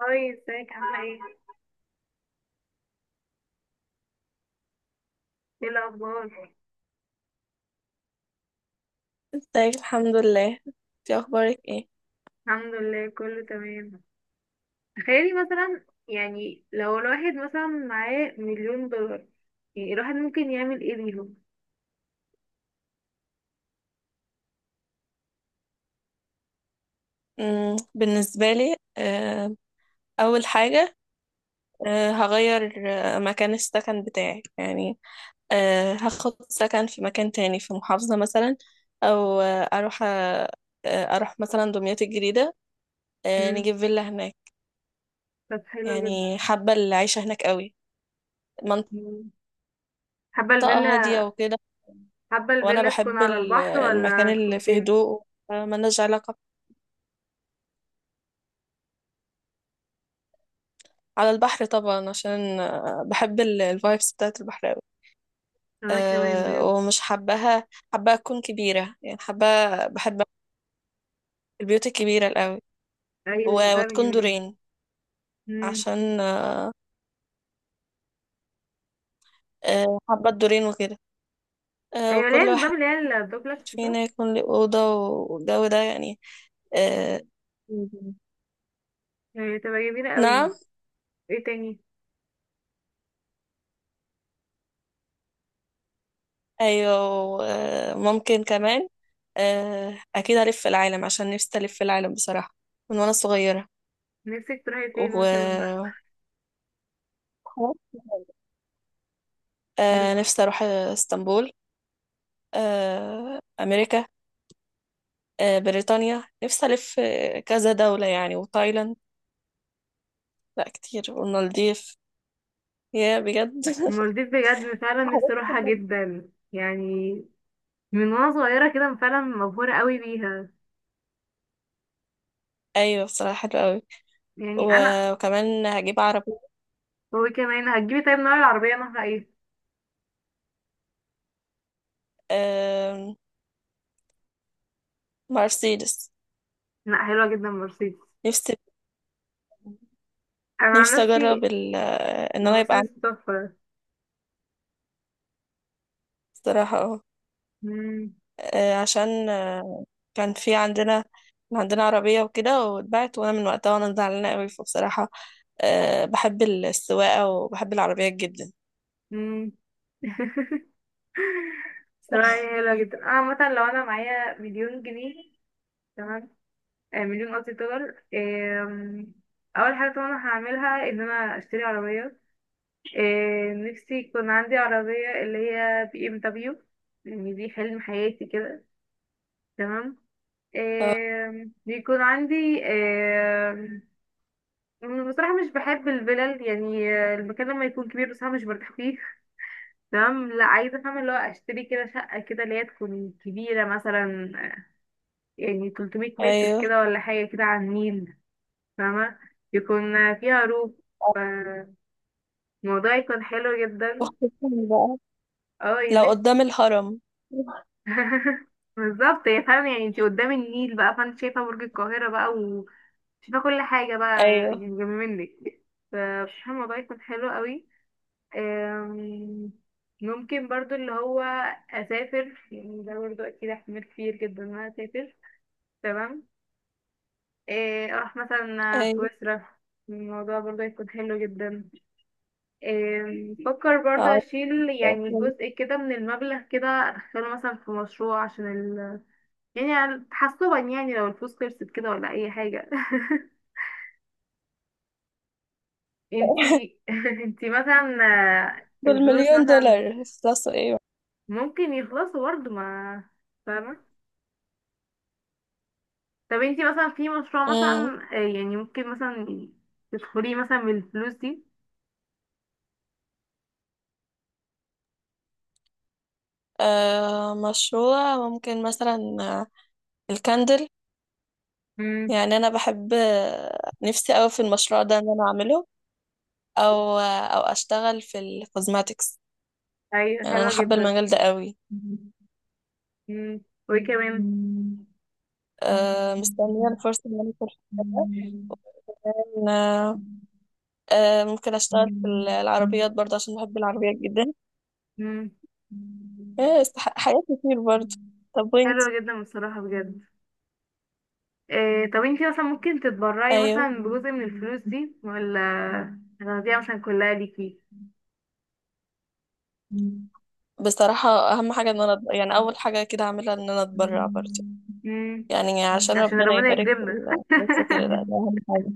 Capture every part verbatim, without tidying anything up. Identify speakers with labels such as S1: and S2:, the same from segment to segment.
S1: هاي ازيك عاملة ايه؟ ايه الأخبار؟
S2: ازيك؟ الحمد لله. انتي اخبارك ايه؟
S1: الحمد لله كله تمام. تخيلي مثلا يعني لو الواحد مثلا معاه مليون دولار، يعني الواحد ممكن يعمل ايه بيهم؟
S2: مم، بالنسبه لي آه، اول حاجه. آه، هغير آه، مكان السكن بتاعي يعني. آه، هاخد سكن في مكان تاني في محافظه مثلا، او آه، اروح آه، آه، اروح مثلا دمياط الجديده. آه،
S1: مم.
S2: نجيب فيلا هناك.
S1: طب حلو جدا.
S2: يعني حابه العيشه هناك قوي،
S1: مم. حابة
S2: منطقه
S1: الفيلا،
S2: هاديه وكده.
S1: حابة
S2: وانا
S1: الفيلا تكون
S2: بحب
S1: على
S2: ال-
S1: البحر
S2: المكان
S1: ولا تكون
S2: اللي فيه
S1: فين؟
S2: هدوء. آه، ملناش علاقه. على البحر طبعا، عشان آه، بحب الفايبس بتاعت البحر قوي.
S1: أنا كمان
S2: أه
S1: بجد.
S2: ومش حباها. حابة أكون كبيرة يعني، حابة. بحب البيوت الكبيرة الأوي،
S1: أيوة
S2: و-
S1: فعلا
S2: وتكون
S1: جميلة جدا.
S2: دورين،
S1: مم.
S2: عشان أه آه، حابة الدورين وكده. أه
S1: أيوة ليه
S2: وكل واحد
S1: النظام اللي هي الدوبلكس صح؟
S2: فينا يكون له أوضة، والجو ده يعني. أه.
S1: يعني تبقى جميلة قوي.
S2: نعم.
S1: ايه تاني؟
S2: أيوة. أه ممكن كمان، أه أكيد ألف العالم، عشان نفسي ألف العالم بصراحة من وأنا صغيرة.
S1: نفسك تروحي فين مثلا؟
S2: و آه، نفسي أروح اسطنبول، آه، أمريكا، آه، بريطانيا. نفسي ألف آه، كذا دولة يعني، وتايلاند. لا كتير، والمالديف يا بجد.
S1: المالديف بجد فعلا نفسي
S2: حاجات كتير
S1: اروحها
S2: جداً.
S1: جدا يعني. من وانا صغيرة كده فعلا مبهورة قوي بيها.
S2: أيوة بصراحة حلوة أوي.
S1: يعني انا
S2: و- وكمان هجيب عربية.
S1: هو كمان هتجيبي طيب نوع العربية نوعها ايه؟
S2: آم، مرسيدس.
S1: لا حلوة جدا مرسيدس.
S2: نفسي.
S1: انا عن
S2: نفسي أجرب
S1: نفسي
S2: ال- آه، إن أنا يبقى عندي.
S1: المرسيدس تحفة.
S2: بصراحة اه.
S1: مم،
S2: آه، عشان آه، كان في عندنا. كان عندنا عربية وكده واتباعت، وأنا من وقتها وأنا زعلانة أوي، فبصراحة آه، بحب السواقة وبحب العربيات جدا.
S1: مم. صراحة هي حلوة جدا، انا مثلا لو انا معايا مليون جنيه، تمام. آه، مليون قصدي دولار. آم، اول حاجة طبعا هعملها ان انا اشتري عربية. آه، نفسي يكون عندي عربية اللي هي بي ام دبليو، يعني دي حلم حياتي كده. تمام. آم، بيكون عندي، آم، بصراحة مش بحب الفلل، يعني آه، المكان لما يكون كبير بصراحة مش برتاح فيه. تمام، لا عايزة فاهمة اللي هو اشتري كده شقة كده اللي هي تكون كبيرة مثلا، يعني تلت ميت متر
S2: أيوه،
S1: كده ولا حاجة كده على النيل. فاهمة، يكون فيها روف، فالموضوع يكون حلو جدا.
S2: وخصوصا بقى
S1: اه
S2: لو
S1: يعني
S2: قدام الهرم.
S1: بالظبط، هي فعلا يعني انتي قدام النيل بقى فانت شايفة برج القاهرة بقى وشايفة كل حاجة بقى
S2: ايوه
S1: يعني جنب منك، فبصراحة الموضوع يكون حلو قوي. أم، ممكن برضو اللي هو أسافر، يعني ده برضو أكيد احتمال كبير جدا إن أنا أسافر. تمام. إيه، أروح مثلا
S2: ايوه.
S1: سويسرا، الموضوع برضو هيكون حلو جدا. إيه، بفكر برضو
S2: عارفة.
S1: أشيل يعني جزء كده من المبلغ كده أدخله مثلا في مشروع، عشان يعني على- تحسبا يعني لو الفلوس خلصت كده ولا اي حاجة. انتي انتي مثلا آه، الفلوس
S2: بالمليون
S1: مثلا
S2: دولار خلاص ايه.
S1: ممكن يخلصوا برضه ما، فاهمة. طب انتي مثلا في مشروع
S2: امم
S1: مثلا آه، يعني ممكن مثلا تدخليه مثلا بالفلوس دي.
S2: آه مشروع ممكن مثلا آه، الكاندل.
S1: امم.
S2: يعني انا بحب آه، نفسي قوي في المشروع ده ان انا اعمله. او آه، او اشتغل في الكوزماتكس.
S1: ايوه
S2: يعني انا
S1: حلوة
S2: حابه
S1: جدا.
S2: المجال ده قوي.
S1: امم. وايه كمان.
S2: آه مستنيه الفرصه ان انا اكون في المجال ده. كمان، آه آه، ممكن اشتغل في العربيات برضه، عشان بحب العربيات جدا.
S1: امم.
S2: آه، استح- حاجات كتير برضه. طب وانت؟
S1: حلوة جدا بصراحة بجد. إيه طب انتي مثلا ممكن تتبرعي
S2: ايوه
S1: مثلا بجزء من الفلوس دي ولا هتاخديها مثلا كلها ليكي؟
S2: بصراحة اهم حاجة ان انا أت- يعني اول حاجة كده اعملها ان انا اتبرع برضه.
S1: مم.
S2: يعني عشان
S1: عشان
S2: ربنا
S1: ربنا
S2: يبارك في
S1: يكرمنا.
S2: الفلوس وكده. لا، ده اهم حاجة.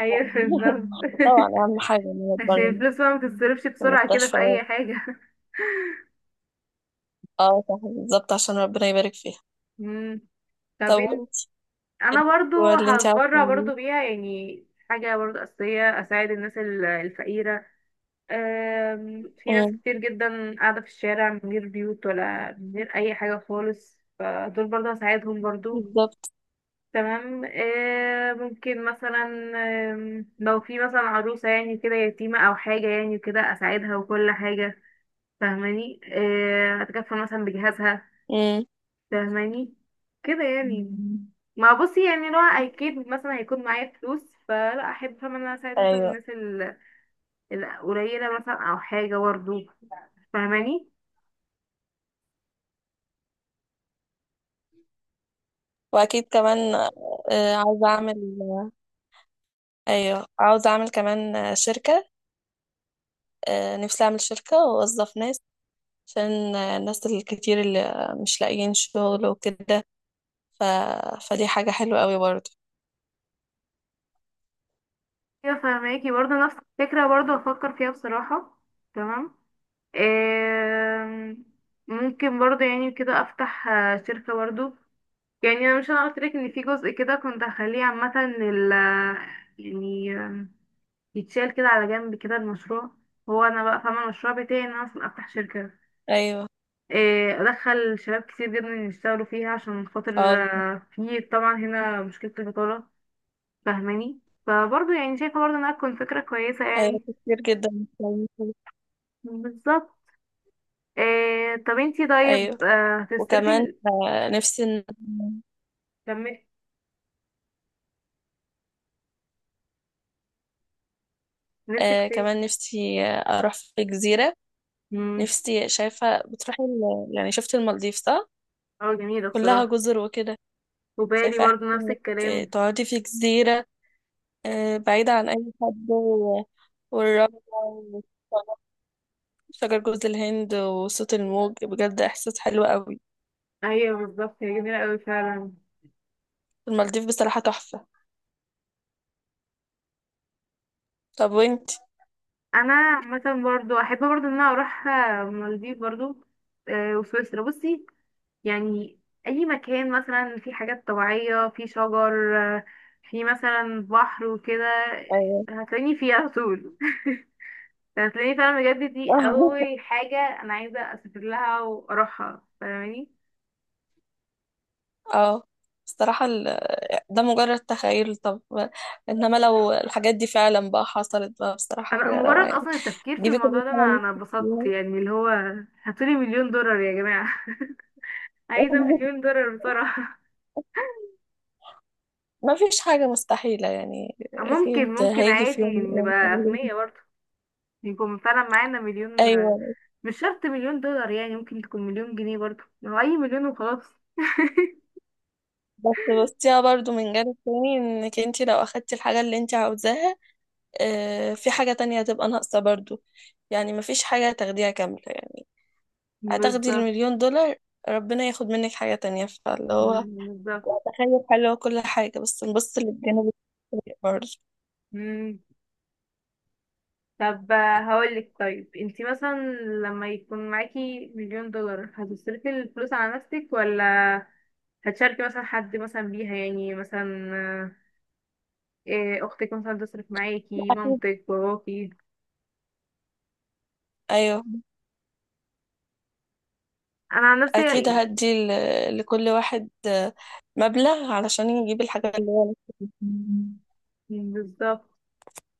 S1: ايوه بالظبط.
S2: طبعا اهم حاجة ان انا
S1: عشان
S2: اتبرع
S1: الفلوس بقى ما بتتصرفش
S2: في
S1: بسرعة كده في اي
S2: المستشفيات.
S1: حاجة.
S2: اه صح بالظبط، عشان ربنا يبارك فيها.
S1: مم. طب
S2: طب
S1: انت،
S2: وانت؟ إيه
S1: انا برضو
S2: هو اللي انت عاوزة
S1: هتبرع
S2: تعمليه؟
S1: برضو بيها يعني، حاجة برضو أساسية اساعد الناس ال- الفقيرة. أم، في ناس
S2: أمم،
S1: كتير جدا قاعدة في الشارع من غير بيوت ولا من غير أي حاجة خالص، فدول برضه هساعدهم برضه.
S2: بالظبط.
S1: تمام. أه، ممكن مثلا أم، لو في مثلا عروسة يعني كده يتيمة أو حاجة يعني كده أساعدها وكل حاجة، فاهماني. أه، أتكفل مثلا بجهازها،
S2: أمم،
S1: فاهماني كده يعني. مم. ما بصي يعني لو اكيد مثلا هيكون معايا فلوس فلا احب فاهمة ان انا اساعد مثلا
S2: ايوه.
S1: الناس ال- القليلة مثلا او حاجة برضه، فاهماني.
S2: واكيد كمان آه، عاوزة اعمل. ايوه عاوزة اعمل كمان آه، شركة. آه، نفسي اعمل شركة واوظف ناس، عشان الناس الكتير اللي مش لاقيين شغل وكده. ف... فدي حاجة حلوة قوي برضو.
S1: ايوه فهماكي برضه نفس الفكرة برضه بفكر فيها بصراحة. تمام. آم، ممكن برضه يعني كده افتح آه، شركة برضه، يعني انا مش انا قلت لك ان في جزء كده كنت هخليه عامة لل، يعني آم، يتشال كده على جنب كده المشروع. هو انا بقى فاهمة المشروع بتاعي ان انا اصلا افتح شركة،
S2: ايوه.
S1: آه، ادخل شباب كتير جدا يشتغلوا فيها عشان
S2: اه
S1: خاطر آه، في طبعا هنا مشكلة البطالة، فاهماني. فبرضه يعني شايفة برضه انها تكون فكرة كويسة
S2: ايوه
S1: يعني.
S2: كتير جدا مش لاقيين شغل.
S1: بالظبط. آه طب انتي
S2: ايوه
S1: طيب آه، هتصرفي
S2: وكمان
S1: ال-
S2: آه، نفسي إن-
S1: كملي، نفسك
S2: آه،
S1: في
S2: كمان
S1: ايه؟
S2: نفسي آه، اروح في جزيرة.
S1: امم.
S2: نفسي. شايفة بتروحي ال- يعني شفت المالديف صح؟
S1: اه جميلة
S2: كلها
S1: بصراحة.
S2: جزر وكده.
S1: وبالي
S2: شايفة احسن
S1: برضو نفس
S2: انك آه،
S1: الكلام.
S2: تقعدي في جزيرة آه، بعيدة عن اي حد، و- والرملة، شجر جوز الهند وصوت الموج، بجد احساس حلو قوي.
S1: ايوه بالظبط، هي جميله قوي فعلا.
S2: المالديف بصراحة تحفة. طب وانت؟
S1: انا مثلا برضو احب برضو ان انا اروح آه، المالديف برضو، آه، وسويسرا. بصي يعني اي مكان مثلا في حاجات طبيعية، في شجر، آه، في مثلا بحر وكده،
S2: ايوه.
S1: هتلاقيني فيه على طول. هتلاقيني فعلا بجد، دي اول حاجه انا عايزه اسافر لها واروحها، فاهماني.
S2: اه بصراحة ال- ده مجرد تخيل. طب انما لو الحاجات دي فعلا بقى حصلت، بقى بصراحة
S1: انا
S2: حاجة روعة
S1: مجرد
S2: يعني.
S1: اصلا التفكير في
S2: جيبي كل
S1: الموضوع ده انا
S2: حاجة
S1: انا
S2: نفسك
S1: اتبسطت
S2: فيها.
S1: يعني اللي هو هاتولي مليون دولار يا جماعه. عايزه مليون دولار بصراحه.
S2: ما فيش حاجة مستحيلة يعني، أكيد
S1: ممكن، ممكن
S2: هيجي في
S1: عادي
S2: يوم من
S1: نبقى
S2: الأيام.
S1: اغنياء برضه، يكون فعلا معانا مليون.
S2: أيوة.
S1: مش شرط مليون دولار يعني، ممكن تكون مليون جنيه برضه، هو اي مليون وخلاص.
S2: بس بصيها برضو من جانب تاني، إنك انتي لو أخدتي الحاجة اللي انتي عاوزاها، آه، في حاجة تانية هتبقى ناقصة برضو. يعني مفيش حاجة تاخديها كاملة يعني. هتاخدي
S1: بالظبط.
S2: المليون دولار، ربنا ياخد منك حاجة تانية، فاللي هو
S1: بالظبط.
S2: تخيل حلو كل حاجة، بس نبص للجانب السيء برضه.
S1: طب آه، هقولك طيب، انتي مثلا لما يكون معاكي مليون دولار هتصرفي الفلوس على نفسك، ولا هتشاركي مثلا حد مثلا بيها يعني مثلا آه، إيه، اختك مثلا تصرف معاكي
S2: أكيد.
S1: مامتك باباكي؟
S2: أيوه
S1: انا عن نفسي
S2: أكيد
S1: يعني-
S2: هدي ل- لكل واحد آه، مبلغ، علشان يجيب الحاجة اللي هو نفسه فيها.
S1: مم. بالظبط.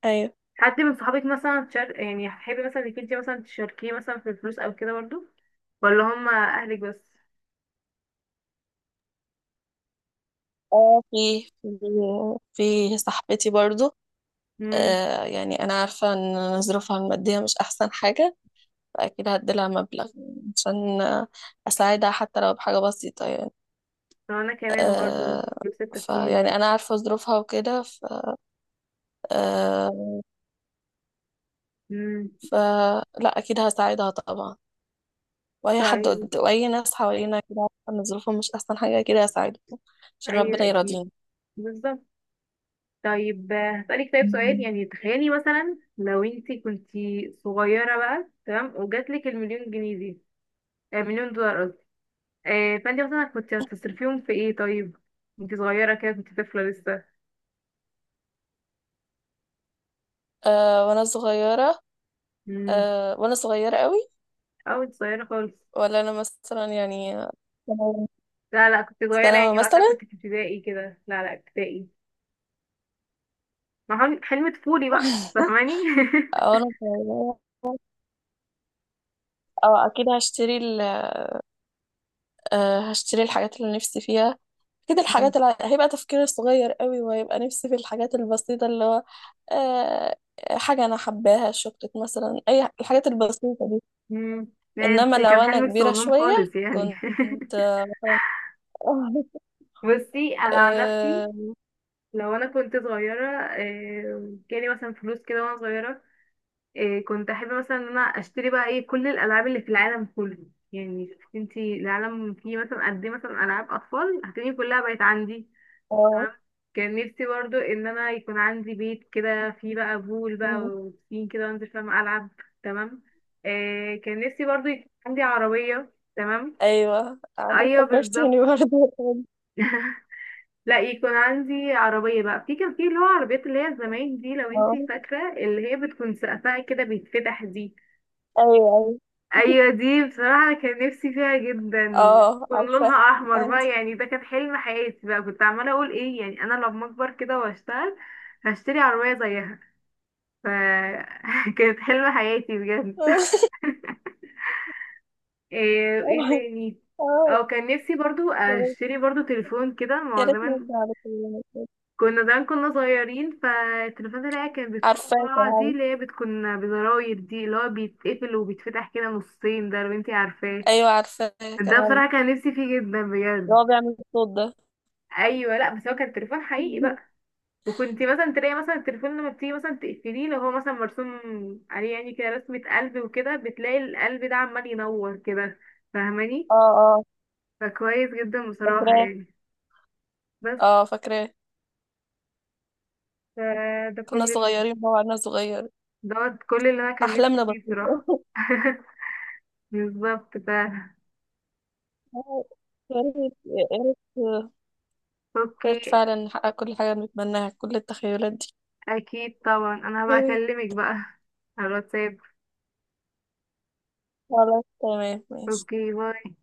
S2: أيوه.
S1: حد من صحابك مثلا تشار... يعني هتحبي مثلا انك انتي مثلا تشاركيه مثلا في الفلوس او كده برضو، ولا هما اهلك بس؟
S2: اه، في في في صاحبتي برضو.
S1: امم.
S2: آه يعني أنا عارفة إن ظروفها المادية مش أحسن حاجة، أكيد هديلها مبلغ عشان أساعدها حتى لو بحاجة بسيطة يعني.
S1: انا كمان برضو
S2: أه
S1: نفس
S2: فيعني
S1: التفكير.
S2: أنا عارفة ظروفها وكده، ف أه
S1: امم.
S2: فلا أكيد هساعدها طبعا. وأي حد
S1: طيب.
S2: قد- وأي ناس حوالينا كده عارفة إن ظروفهم مش أحسن حاجة كده هساعدهم، عشان ربنا
S1: ايوه اكيد.
S2: يراضيني.
S1: بالظبط. طيب آه، هسألك طيب سؤال، يعني تخيلي مثلا لو انت كنتي صغيرة بقى تمام وجاتلك المليون جنيه دي، آه، مليون دولار قصدي. آه، فانت مثلا كنت هتصرفيهم في ايه طيب؟ انت صغيرة كده كنت طفلة لسه.
S2: أه وأنا صغيرة.
S1: مم.
S2: أه وأنا صغيرة قوي.
S1: او انت صغيرة خالص،
S2: ولا أنا مثلا يعني
S1: لا لا كنت صغيرة يعني
S2: ثانوي
S1: وقتها
S2: مثلا.
S1: كنت في ابتدائي كده، لا لا ابتدائي. ما حلم، حلم طفولي بقى، فاهماني.
S2: أو أنا صغيرة. اه اكيد هشتري. أه هشتري الحاجات اللي نفسي فيها. اكيد
S1: مم.
S2: الحاجات اللي هيبقى تفكيري صغير قوي، وهيبقى نفسي في الحاجات البسيطة. اللي هو أه حاجة انا حباها شوكليت مثلا، اي الحاجات البسيطة دي.
S1: مم. لا
S2: انما
S1: انت
S2: لو
S1: كان
S2: انا
S1: حلمك
S2: كبيرة
S1: صغنون
S2: شوية
S1: خالص يعني.
S2: كنت مثلا أه.
S1: بصي انا عن نفسي
S2: آه،
S1: لو انا كنت صغيره آه، جالي مثلا فلوس كده وانا صغيره، آه، كنت احب مثلا ان انا اشتري بقى ايه كل الالعاب اللي في العالم كله. يعني شوفي انتي العالم فيه مثلا قد ايه مثلا العاب اطفال هتلاقي كلها بقت عندي.
S2: آه،
S1: تمام. كان نفسي برضو ان انا يكون عندي بيت كده فيه بقى بول بقى
S2: مم.
S1: وبسين كده وانزل فاهم العب. تمام. آه، كان نفسي برضو يكون عندي عربيه. تمام.
S2: ايوه عارفة
S1: ايوه
S2: فكرتيني
S1: بالظبط،
S2: برضه.
S1: لا يكون عندي عربية بقى، في كان في اللي هو عربيات اللي هي زمان دي لو
S2: اه
S1: انتي فاكرة، اللي هي بتكون سقفها كده بيتفتح دي.
S2: ايوه ايوه.
S1: ايوه دي بصراحة أنا كان نفسي فيها جدا.
S2: اه
S1: كان
S2: عارفة.
S1: لونها احمر بقى،
S2: عندي.
S1: يعني ده كان حلم حياتي بقى، كنت عمالة اقول ايه يعني انا لما اكبر كده واشتغل هشتري عربية زيها. ف كانت حلم حياتي بجد. ايه, ايه تاني؟
S2: اه
S1: او كان نفسي برضو
S2: يا ريت.
S1: اشتري برضو تليفون كده ما
S2: يا
S1: هو
S2: ريت
S1: زمان
S2: نرجع لكلنا كده.
S1: كنا، زمان كنا صغيرين، فالتليفونات اللي هي كانت بتكون
S2: عارفة
S1: قاعة دي
S2: كمان.
S1: اللي هي بتكون بزراير دي اللي هو بيتقفل وبيتفتح كده نصين ده، لو انتي عارفاه.
S2: ايوه عارفاه كان
S1: ده
S2: عندي
S1: بصراحة كان نفسي فيه جدا بجد.
S2: اللي هو بيعمل الصوت ده.
S1: ايوه، لا بس هو كان تليفون حقيقي بقى، وكنت مثلا تلاقي مثلا التليفون لما بتيجي مثلا تقفليه لو هو مثلا مرسوم عليه يعني كده رسمة قلب وكده، بتلاقي القلب ده عمال ينور كده، فاهماني.
S2: اه اه
S1: فكويس جدا بصراحة
S2: فاكراه.
S1: يعني. بس
S2: اه فاكراه.
S1: ف- ده
S2: كنا
S1: كل ال-
S2: صغيرين بقى وعنا صغير.
S1: ده كل اللي انا كان نفسي
S2: احلامنا
S1: فيه
S2: بسيطة.
S1: بصراحة. بالظبط فعلا.
S2: يا ريت يا ريت يا ريت
S1: اوكي.
S2: فعلا نحقق كل حاجة بنتمناها، كل التخيلات دي.
S1: اكيد طبعا انا هبقى
S2: يا ريت.
S1: اكلمك بقى على الواتساب.
S2: خلاص تمام ماشي.
S1: اوكي باي.